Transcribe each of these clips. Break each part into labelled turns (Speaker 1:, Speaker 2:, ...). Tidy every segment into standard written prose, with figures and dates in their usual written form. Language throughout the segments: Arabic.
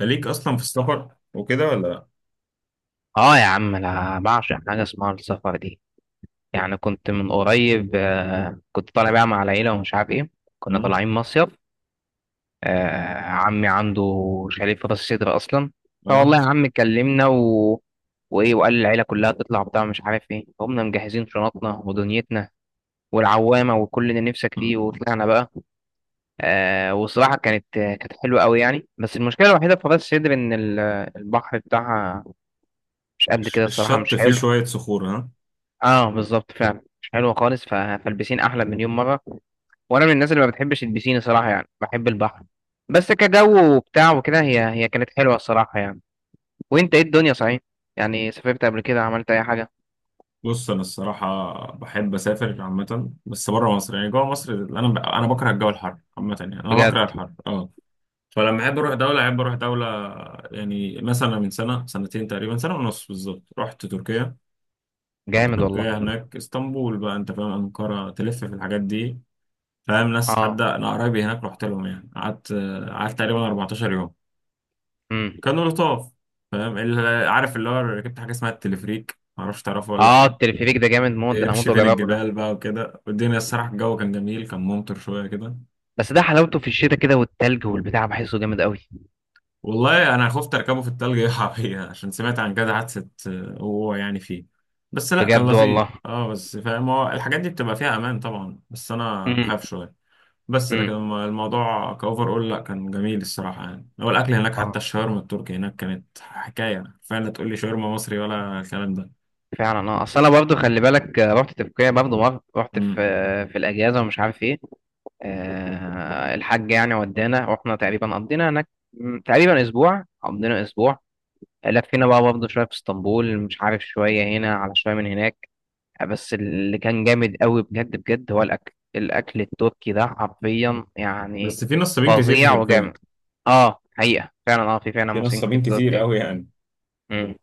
Speaker 1: خليك اصلا في السفر وكده ولا لا؟
Speaker 2: اه، يا عم، انا بعشق حاجه اسمها السفر دي. يعني كنت من قريب آه، كنت طالع بقى مع العيله ومش عارف ايه. كنا
Speaker 1: مم؟
Speaker 2: طالعين مصيف. آه، عمي عنده شاليه في راس سدر اصلا.
Speaker 1: اه.
Speaker 2: فوالله يا عم كلمنا وايه، وقال العيله كلها تطلع بتاع مش عارف ايه. قمنا مجهزين شنطنا ودنيتنا والعوامه وكل اللي نفسك فيه،
Speaker 1: مم.
Speaker 2: وطلعنا بقى. آه وصراحه كانت حلوه قوي يعني. بس المشكله الوحيده في راس سدر ان البحر بتاعها مش قد
Speaker 1: الش-
Speaker 2: كده الصراحه،
Speaker 1: الشط
Speaker 2: مش
Speaker 1: فيه
Speaker 2: حلو.
Speaker 1: شويه صخور، ها؟
Speaker 2: اه بالظبط، فعلا مش حلوه خالص. فالبسين احلى مليون مره. وانا من الناس اللي ما بتحبش البسين صراحه، يعني بحب البحر بس كجو وبتاع وكده. هي كانت حلوه الصراحه يعني. وانت ايه الدنيا صحيح؟ يعني سافرت قبل كده، عملت اي حاجه؟
Speaker 1: بص، انا الصراحه بحب اسافر عامه بس بره مصر، يعني جوه مصر انا بكره الجو الحر عامه، يعني انا بكره
Speaker 2: بجد.
Speaker 1: الحر، اه. فلما احب اروح دوله احب اروح دوله. يعني مثلا من سنه سنتين تقريبا، سنه ونص بالظبط، رحت تركيا.
Speaker 2: جامد والله.
Speaker 1: هناك اسطنبول بقى انت فاهم، انقره، تلف في الحاجات دي. فاهم ناس، حد
Speaker 2: اه.
Speaker 1: انا قرايبي هناك رحت لهم، يعني قعدت تقريبا 14 يوم.
Speaker 2: امم.
Speaker 1: كانوا لطاف. فاهم اللي عارف اللي هو ركبت حاجه اسمها التلفريك، معرفش تعرفه ولا
Speaker 2: اه،
Speaker 1: لا.
Speaker 2: التلفريك ده جامد موت، ده انا هموت
Speaker 1: بيمشي بين
Speaker 2: واجربه ده.
Speaker 1: الجبال بقى وكده، والدنيا الصراحه الجو كان جميل، كان ممطر شويه كده.
Speaker 2: بس ده حلاوته في الشتاء كده، والتلج والبتاع بحسه جامد قوي.
Speaker 1: والله انا خفت اركبه في التلج يقع بيا عشان سمعت عن كذا حادثه، وهو يعني فيه. بس لا، كان
Speaker 2: بجد
Speaker 1: لطيف،
Speaker 2: والله.
Speaker 1: بس فاهم هو الحاجات دي بتبقى فيها امان طبعا، بس انا
Speaker 2: امم.
Speaker 1: بخاف شويه. بس لكن
Speaker 2: امم.
Speaker 1: الموضوع كاوفر اول، لا كان جميل الصراحه. يعني هو الاكل هناك، حتى
Speaker 2: اه
Speaker 1: الشاورما التركي هناك كانت حكايه فعلا، تقول لي شاورما مصري ولا الكلام
Speaker 2: فعلا. اه، اصل انا برضه خلي بالك، رحت تركيا برضه مره. رحت
Speaker 1: ده؟
Speaker 2: في الاجازه ومش عارف ايه. الحاج يعني ودانا، واحنا تقريبا قضينا هناك تقريبا اسبوع. قضينا اسبوع، لفينا بقى برضه شويه في اسطنبول، مش عارف شويه هنا على شويه من هناك. بس اللي كان جامد قوي بجد بجد هو الاكل التركي ده حرفيا
Speaker 1: بس
Speaker 2: يعني
Speaker 1: في نصابين كتير في
Speaker 2: فظيع
Speaker 1: تركيا،
Speaker 2: وجامد. اه حقيقه فعلا، اه في فعلا
Speaker 1: في
Speaker 2: مصريين كتير
Speaker 1: نصابين
Speaker 2: في
Speaker 1: كتير
Speaker 2: تركيا.
Speaker 1: قوي يعني.
Speaker 2: مم.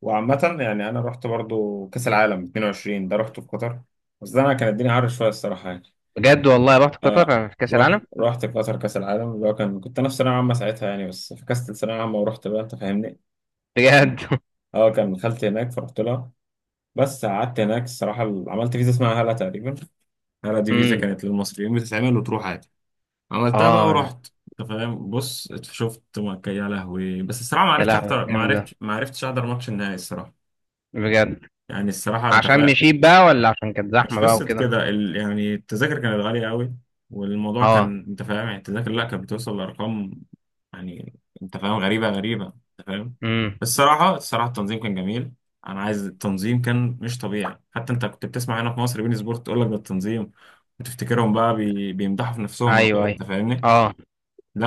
Speaker 1: وعامة يعني أنا رحت برضو كأس العالم 22، ده رحته في قطر. بس ده أنا كان الدنيا عارف شوية الصراحة يعني.
Speaker 2: بجد والله، رحت
Speaker 1: أنا
Speaker 2: قطر في كاس
Speaker 1: رحت
Speaker 2: العالم؟
Speaker 1: رحت قطر كأس العالم، اللي هو كنت أنا في ثانوية عامة ساعتها يعني، بس فكست ثانوية عامة ورحت بقى، أنت فاهمني؟
Speaker 2: بجد.
Speaker 1: أه، كان خالتي هناك فرحت لها. بس قعدت هناك الصراحة، عملت فيزا اسمها هلا تقريبا. هلا دي فيزا
Speaker 2: مم.
Speaker 1: كانت للمصريين بتتعمل وتروح عادي. عملتها بقى
Speaker 2: اه،
Speaker 1: ورحت. انت فاهم، بص شفت مكة، يا لهوي. بس الصراحه ما
Speaker 2: يا
Speaker 1: عرفتش
Speaker 2: لهوي ده
Speaker 1: احضر، ما
Speaker 2: جامد ده.
Speaker 1: عرفتش ما عرفتش احضر ماتش النهائي الصراحه.
Speaker 2: بجد.
Speaker 1: يعني الصراحه انت
Speaker 2: عشان
Speaker 1: فاهم.
Speaker 2: مشيت بقى، ولا عشان كانت
Speaker 1: مش
Speaker 2: زحمه بقى
Speaker 1: قصه
Speaker 2: وكده؟
Speaker 1: كده، يعني التذاكر كانت غاليه قوي. والموضوع
Speaker 2: اه.
Speaker 1: كان انت فاهم، يعني التذاكر لا كانت بتوصل لارقام، يعني انت فاهم، غريبه غريبه، انت فاهم.
Speaker 2: امم.
Speaker 1: بس الصراحه الصراحه التنظيم كان جميل. انا عايز التنظيم كان مش طبيعي، حتى انت كنت بتسمع هنا في مصر بين سبورت تقول لك ده التنظيم، وتفتكرهم بقى بيمدحوا في نفسهم او كده،
Speaker 2: ايوه، ايوه،
Speaker 1: انت فاهمني؟
Speaker 2: اه.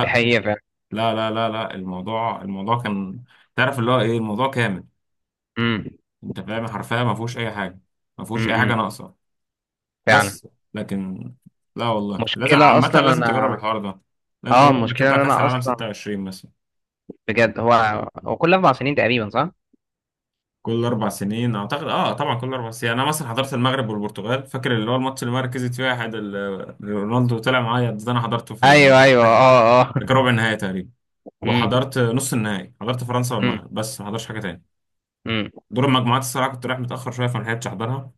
Speaker 2: دي حقيقة فعلا.
Speaker 1: لا لا لا لا، الموضوع كان تعرف اللي هو ايه، الموضوع كامل
Speaker 2: امم.
Speaker 1: انت فاهم، حرفيا ما فيهوش اي حاجه، ما فيهوش اي حاجه
Speaker 2: امم.
Speaker 1: ناقصه.
Speaker 2: فعلا.
Speaker 1: بس لكن لا والله، لازم
Speaker 2: مشكلة
Speaker 1: عامه
Speaker 2: اصلا
Speaker 1: لازم تجرب
Speaker 2: انا
Speaker 1: الحوار ده، لازم
Speaker 2: اه
Speaker 1: تجرب انك
Speaker 2: المشكلة
Speaker 1: تطلع
Speaker 2: ان
Speaker 1: كاس
Speaker 2: انا
Speaker 1: العالم
Speaker 2: اصلا،
Speaker 1: 26 مثلا.
Speaker 2: بجد. هو كل 4 سنين تقريبا، صح؟
Speaker 1: كل اربع سنين اعتقد، اه طبعا كل اربع سنين. انا مثلا حضرت المغرب والبرتغال، فاكر اللي هو الماتش اللي مركزت فيها حد رونالدو طلع معايا، ده انا حضرته في
Speaker 2: ايوه، ايوه، اه، اه.
Speaker 1: في ربع النهائي تقريبا.
Speaker 2: امم.
Speaker 1: وحضرت نص النهائي، حضرت فرنسا
Speaker 2: امم.
Speaker 1: والمغرب، بس ما حضرتش حاجه تاني.
Speaker 2: امم.
Speaker 1: دور المجموعات الصراحة كنت رايح متأخر شوية، فما لحقتش أحضرها.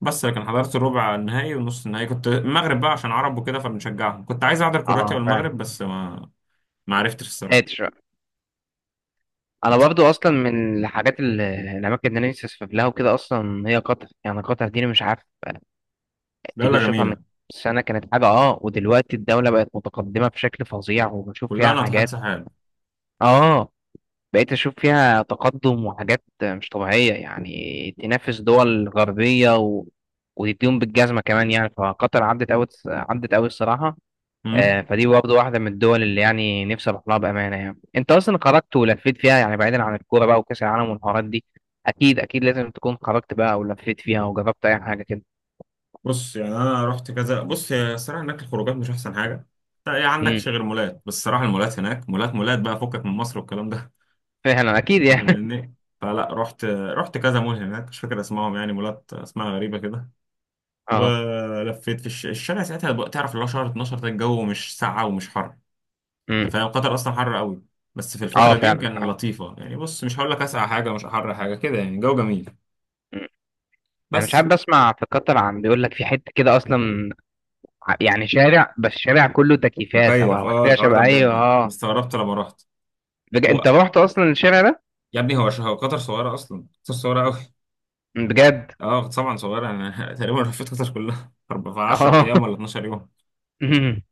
Speaker 1: بس لكن حضرت الربع النهائي والنص النهائي، كنت المغرب بقى عشان عرب وكده فبنشجعهم، كنت عايز أحضر كرواتيا
Speaker 2: اه فعلا.
Speaker 1: والمغرب بس ما عرفتش الصراحة.
Speaker 2: قادر. انا
Speaker 1: بس
Speaker 2: برضو اصلا من الحاجات، الاماكن اللي انا نفسي اسافر لها وكده اصلا، هي قطر. يعني قطر دي أنا مش عارف تيجي
Speaker 1: دولة
Speaker 2: تشوفها من
Speaker 1: جميلة،
Speaker 2: سنة كانت حاجة اه، ودلوقتي الدولة بقت متقدمة بشكل فظيع، وبشوف
Speaker 1: كلها
Speaker 2: فيها
Speaker 1: ناطحات
Speaker 2: حاجات.
Speaker 1: سحاب.
Speaker 2: اه، بقيت أشوف فيها تقدم وحاجات مش طبيعية، يعني تنافس دول غربية وتديهم بالجزمة كمان يعني. فقطر عدت أوي، عدت أوي الصراحة.
Speaker 1: أمم.
Speaker 2: فدي برضه واحدة من الدول اللي يعني نفسي أروح لها بأمانة. يعني أنت أصلا خرجت ولفيت فيها، يعني بعيدا عن الكورة بقى وكأس العالم والحوارات دي، أكيد أكيد لازم تكون خرجت بقى ولفيت فيها وجربت أي حاجة كده.
Speaker 1: بص يعني أنا رحت كذا، بص هي الصراحة هناك الخروجات مش أحسن حاجة، يعني
Speaker 2: امم.
Speaker 1: عندك غير مولات. بس الصراحة المولات هناك مولات مولات بقى، فكك من مصر والكلام ده
Speaker 2: فعلا، أكيد
Speaker 1: أنت
Speaker 2: يعني.
Speaker 1: فاهمني؟ فلا، رحت كذا مول هناك، مش فاكر اسمائهم، يعني مولات اسمها غريبة كده.
Speaker 2: أه.
Speaker 1: ولفيت في الشارع ساعتها بقى، تعرف اللي هو شهر 12 ده الجو مش ساقعة ومش حر.
Speaker 2: امم.
Speaker 1: انت فاهم قطر اصلا حر قوي، بس في
Speaker 2: أه
Speaker 1: الفترة دي
Speaker 2: فعلا
Speaker 1: كان
Speaker 2: أه.
Speaker 1: لطيفة، يعني بص مش هقول لك اسقع حاجة مش حر، حاجة كده يعني جو جميل.
Speaker 2: أمم. أنا مش
Speaker 1: بس
Speaker 2: عارف، بسمع في قطر عن بيقول لك في حتة كده أصلا، يعني شارع، بس شارع كله تكييفات او
Speaker 1: مكيف،
Speaker 2: او حاجه
Speaker 1: الحوار ده
Speaker 2: شبه، ايوه
Speaker 1: بجد
Speaker 2: اه.
Speaker 1: استغربت لما رحت. و...
Speaker 2: انت رحت اصلا الشارع ده؟
Speaker 1: يا ابني هو قطر صغيرة اصلا، قطر صغيرة قوي.
Speaker 2: بجد.
Speaker 1: اه طبعا صغيرة. انا تقريبا لفيت قطر كلها في 10
Speaker 2: اه.
Speaker 1: ايام ولا 12 يوم.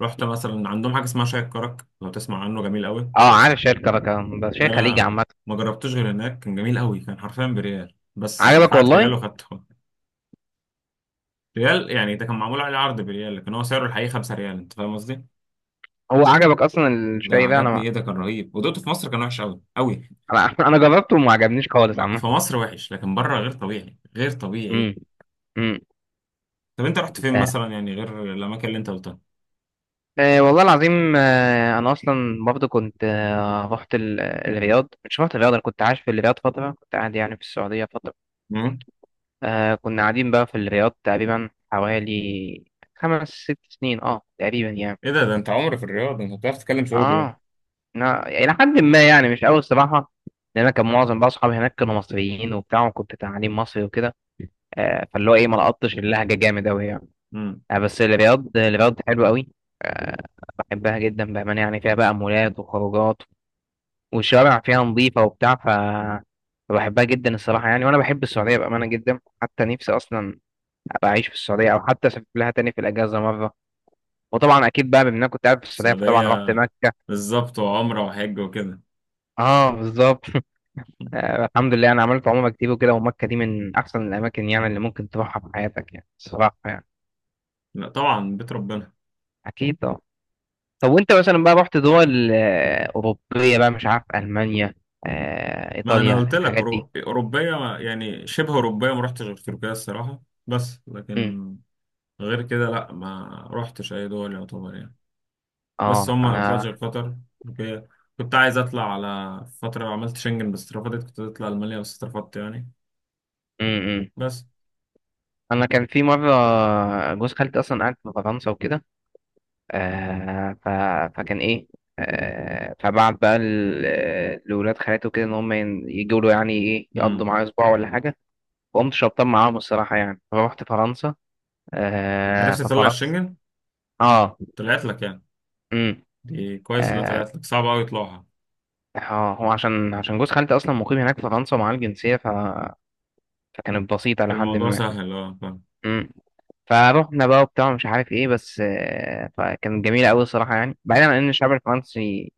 Speaker 1: رحت مثلا عندهم حاجة اسمها شاي الكرك، لو تسمع عنه، جميل قوي.
Speaker 2: اه، عارف شاي الكركه، ده شاي
Speaker 1: ده
Speaker 2: خليجي
Speaker 1: انا
Speaker 2: عامه.
Speaker 1: ما جربتوش غير هناك، كان جميل قوي، كان حرفيا بريال، بس
Speaker 2: عجبك
Speaker 1: دفعت ريال
Speaker 2: والله.
Speaker 1: وخدته. ريال يعني، ده كان معمول عليه عرض بريال، لكن هو سعره الحقيقي 5 ريال، انت فاهم قصدي.
Speaker 2: هو عجبك اصلا
Speaker 1: ده
Speaker 2: الشاي ده؟ انا
Speaker 1: عجبني،
Speaker 2: ما...
Speaker 1: ايه ده، كان رهيب. ودقته في مصر كان وحش قوي قوي.
Speaker 2: انا انا جربته وما عجبنيش خالص عامه.
Speaker 1: في مصر وحش، لكن بره غير طبيعي، غير طبيعي.
Speaker 2: امم. امم.
Speaker 1: طب انت رحت فين
Speaker 2: آه.
Speaker 1: مثلا، يعني غير الاماكن اللي انت قلتها؟
Speaker 2: آه والله العظيم، انا اصلا برضه كنت، رحت الرياض. مش رحت الرياض، انا كنت عايش في الرياض فتره، كنت قاعد يعني في السعوديه فتره.
Speaker 1: مم.
Speaker 2: آه، كنا قاعدين بقى في الرياض تقريبا، حوالي 5 أو 6 سنين اه تقريبا يعني.
Speaker 1: ايه ده انت عمري في الرياض، انت بتعرف تتكلم سعودي بقى؟
Speaker 2: اه، إلى حد ما، يعني مش أوي الصراحة. لأن أنا كان معظم بقى أصحابي هناك كانوا مصريين وبتاع، وكنت تعليم مصري وكده. فاللي هو إيه، ما لقطتش اللهجة جامد أوي يعني.
Speaker 1: امم.
Speaker 2: بس الرياض حلوة أوي. آه، بحبها جدا بأمانة يعني. فيها بقى مولات وخروجات، والشوارع فيها نظيفة وبتاع. ف فبحبها جدا الصراحة يعني. وأنا بحب السعودية بأمانة جدا، حتى نفسي أصلا ابقى اعيش في السعوديه، او حتى اسافر لها تاني في الاجازه مره. وطبعا اكيد بقى، بما إن انا كنت قاعد في السعوديه فطبعا رحت
Speaker 1: السعوديه.
Speaker 2: مكه.
Speaker 1: بالظبط، وعمره وحج وكده.
Speaker 2: اه بالظبط. آه، الحمد لله، انا عملت عمره كتير وكده، ومكه دي من احسن الاماكن يعني اللي ممكن تروحها في حياتك يعني الصراحه يعني.
Speaker 1: لا طبعا، بيت ربنا.
Speaker 2: اكيد اه. طب وانت مثلا بقى، رحت دول اوروبيه بقى؟ مش عارف المانيا،
Speaker 1: ما انا
Speaker 2: ايطاليا،
Speaker 1: قلت لك،
Speaker 2: الحاجات دي.
Speaker 1: اوروبيه، يعني شبه اوروبيه ما رحتش غير تركيا الصراحه. بس
Speaker 2: امم.
Speaker 1: لكن غير كده لا، ما رحتش اي دول يعتبر يعني. بس
Speaker 2: اه.
Speaker 1: هم ما طلعتش غير قطر، تركيا. كنت عايز اطلع على فتره، عملت شنجن بس اترفضت، كنت اطلع المانيا بس اترفضت يعني.
Speaker 2: امم
Speaker 1: بس.
Speaker 2: انا كان في مره، جوز خالتي اصلا قاعد في فرنسا وكده. آه ف... فكان ايه، آه. فبعت بقى لولاد خالته كده ان هم يجوا له، يعني ايه، يقضوا
Speaker 1: امم.
Speaker 2: معاه اسبوع ولا حاجه. وقمت شبطان معاهم الصراحه يعني، فروحت فرنسا. آه،
Speaker 1: عرفت اطلع
Speaker 2: ففرنسا
Speaker 1: الشنجن،
Speaker 2: اه.
Speaker 1: طلعت لك يعني.
Speaker 2: امم.
Speaker 1: دي كويس انها
Speaker 2: آه،
Speaker 1: طلعت لك، صعب قوي يطلعها.
Speaker 2: هو عشان، جوز خالتي اصلا مقيم هناك في فرنسا ومعاه الجنسيه، فكانت بسيطه لحد
Speaker 1: الموضوع
Speaker 2: ما.
Speaker 1: سهل، اه فاهم.
Speaker 2: امم. فروحنا بقى وبتاع مش عارف ايه، بس فكانت جميله قوي الصراحه يعني، بعيدا عن ان الشعب الفرنسي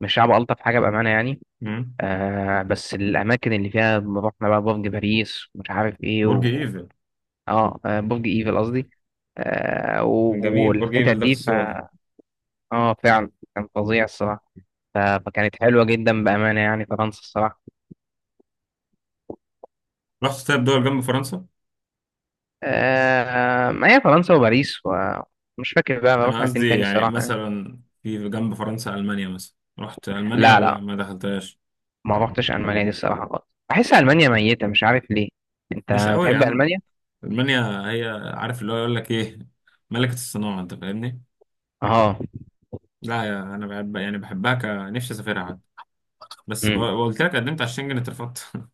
Speaker 2: مش شعب الطف حاجه بامانه يعني.
Speaker 1: أمم.
Speaker 2: آه، بس الأماكن اللي فيها رحنا بقى، برج باريس ومش عارف إيه
Speaker 1: برج ايفل،
Speaker 2: آه، برج إيفل قصدي. آه و-
Speaker 1: كان جميل برج
Speaker 2: والحتت
Speaker 1: ايفل ده في
Speaker 2: دي،
Speaker 1: الصور.
Speaker 2: آه فعلا كان فظيع الصراحة. فكانت حلوة جدا بأمانة يعني، فرنسا الصراحة.
Speaker 1: رحت طيب دول جنب فرنسا؟
Speaker 2: آه، ما هي فرنسا وباريس، ومش فاكر بقى ما
Speaker 1: انا
Speaker 2: رحنا فين
Speaker 1: قصدي
Speaker 2: تاني
Speaker 1: يعني
Speaker 2: الصراحة يعني.
Speaker 1: مثلا في جنب فرنسا، المانيا مثلا، رحت المانيا
Speaker 2: لا،
Speaker 1: ولا
Speaker 2: لا،
Speaker 1: ما دخلتهاش؟
Speaker 2: ما رحتش ألمانيا دي الصراحة خالص. بحس ألمانيا ميتة مش عارف ليه. أنت
Speaker 1: مش قوي يا
Speaker 2: بتحب
Speaker 1: عم.
Speaker 2: ألمانيا؟
Speaker 1: المانيا هي، عارف اللي هو يقول لك ايه، ملكة الصناعة، انت فاهمني.
Speaker 2: آه.
Speaker 1: لا يا، انا بحب يعني بحبها، ك نفسي اسافرها حتى، بس
Speaker 2: امم.
Speaker 1: قلت لك قدمت على الشنجن اترفضت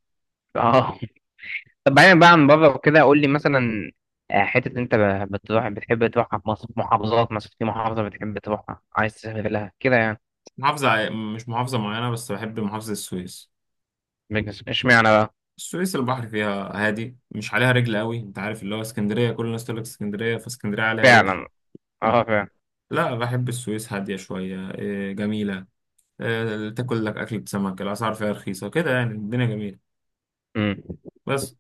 Speaker 2: آه. طب بعيدا بقى عن بره وكده، قول لي مثلا، حتة اللي انت بتروح بتحب تروحها في مصر. محافظات مثلا، في محافظة بتحب تروحها عايز تسافر لها كده يعني؟
Speaker 1: مش محافظة معينة، بس بحب محافظة السويس.
Speaker 2: اشمعنى بقى؟
Speaker 1: السويس البحر فيها هادي، مش عليها رجل قوي. انت عارف اللي هو اسكندرية كل الناس تقول لك اسكندرية، فاسكندرية عليها رجل.
Speaker 2: فعلا. اه فعلا.
Speaker 1: لا، بحب السويس، هادية شوية، جميلة. تاكل لك أكلة سمك، الأسعار فيها رخيصة كده، يعني الدنيا جميلة.
Speaker 2: امم.
Speaker 1: بس.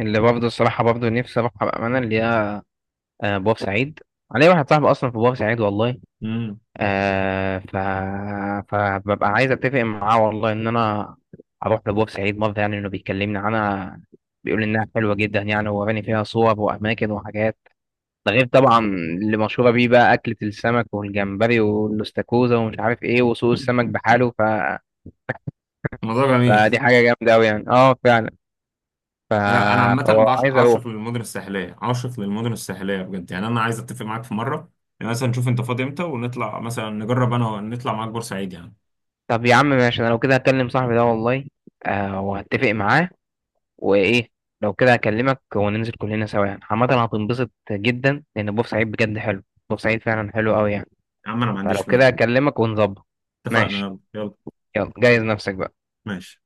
Speaker 2: اللي برضه الصراحة برضه نفسي اروحها بأمانة، اللي هي بورسعيد. علي واحد صاحبي أصلا في بورسعيد والله.
Speaker 1: مم.
Speaker 2: آه ف فببقى عايز أتفق معاه والله، إن أنا أروح لبورسعيد مرة يعني. إنه بيكلمني عنها، بيقول إنها حلوة جدا يعني، ووراني فيها صور وأماكن وحاجات. ده غير طبعا اللي مشهورة بيه بقى، أكلة السمك والجمبري والاستاكوزا ومش عارف إيه، وسوق السمك بحاله.
Speaker 1: الموضوع جميل.
Speaker 2: فدي حاجة جامدة أوي يعني، أه فعلا. ف...
Speaker 1: لا أنا عامة
Speaker 2: فهو عايز أروح.
Speaker 1: عاشق للمدن الساحلية، عاشق للمدن الساحلية بجد، يعني أنا عايز أتفق معاك في مرة. يعني مثلا نشوف أنت فاضي إمتى، ونطلع مثلا نجرب، أنا نطلع معاك بورسعيد يعني.
Speaker 2: طب يا عم ماشي، أنا لو كده هكلم صاحبي ده والله، آه، وهتفق معاه وإيه. لو كده هكلمك وننزل كلنا سوا يعني، عامة هتنبسط جدا لأن بورسعيد بجد حلو. بورسعيد فعلا حلو أوي يعني.
Speaker 1: يا عم أنا ما
Speaker 2: فلو
Speaker 1: عنديش
Speaker 2: كده
Speaker 1: مانع.
Speaker 2: هكلمك ونظبط.
Speaker 1: اتفقنا،
Speaker 2: ماشي.
Speaker 1: يلا يلا.
Speaker 2: يلا جهز نفسك بقى.
Speaker 1: ماشي.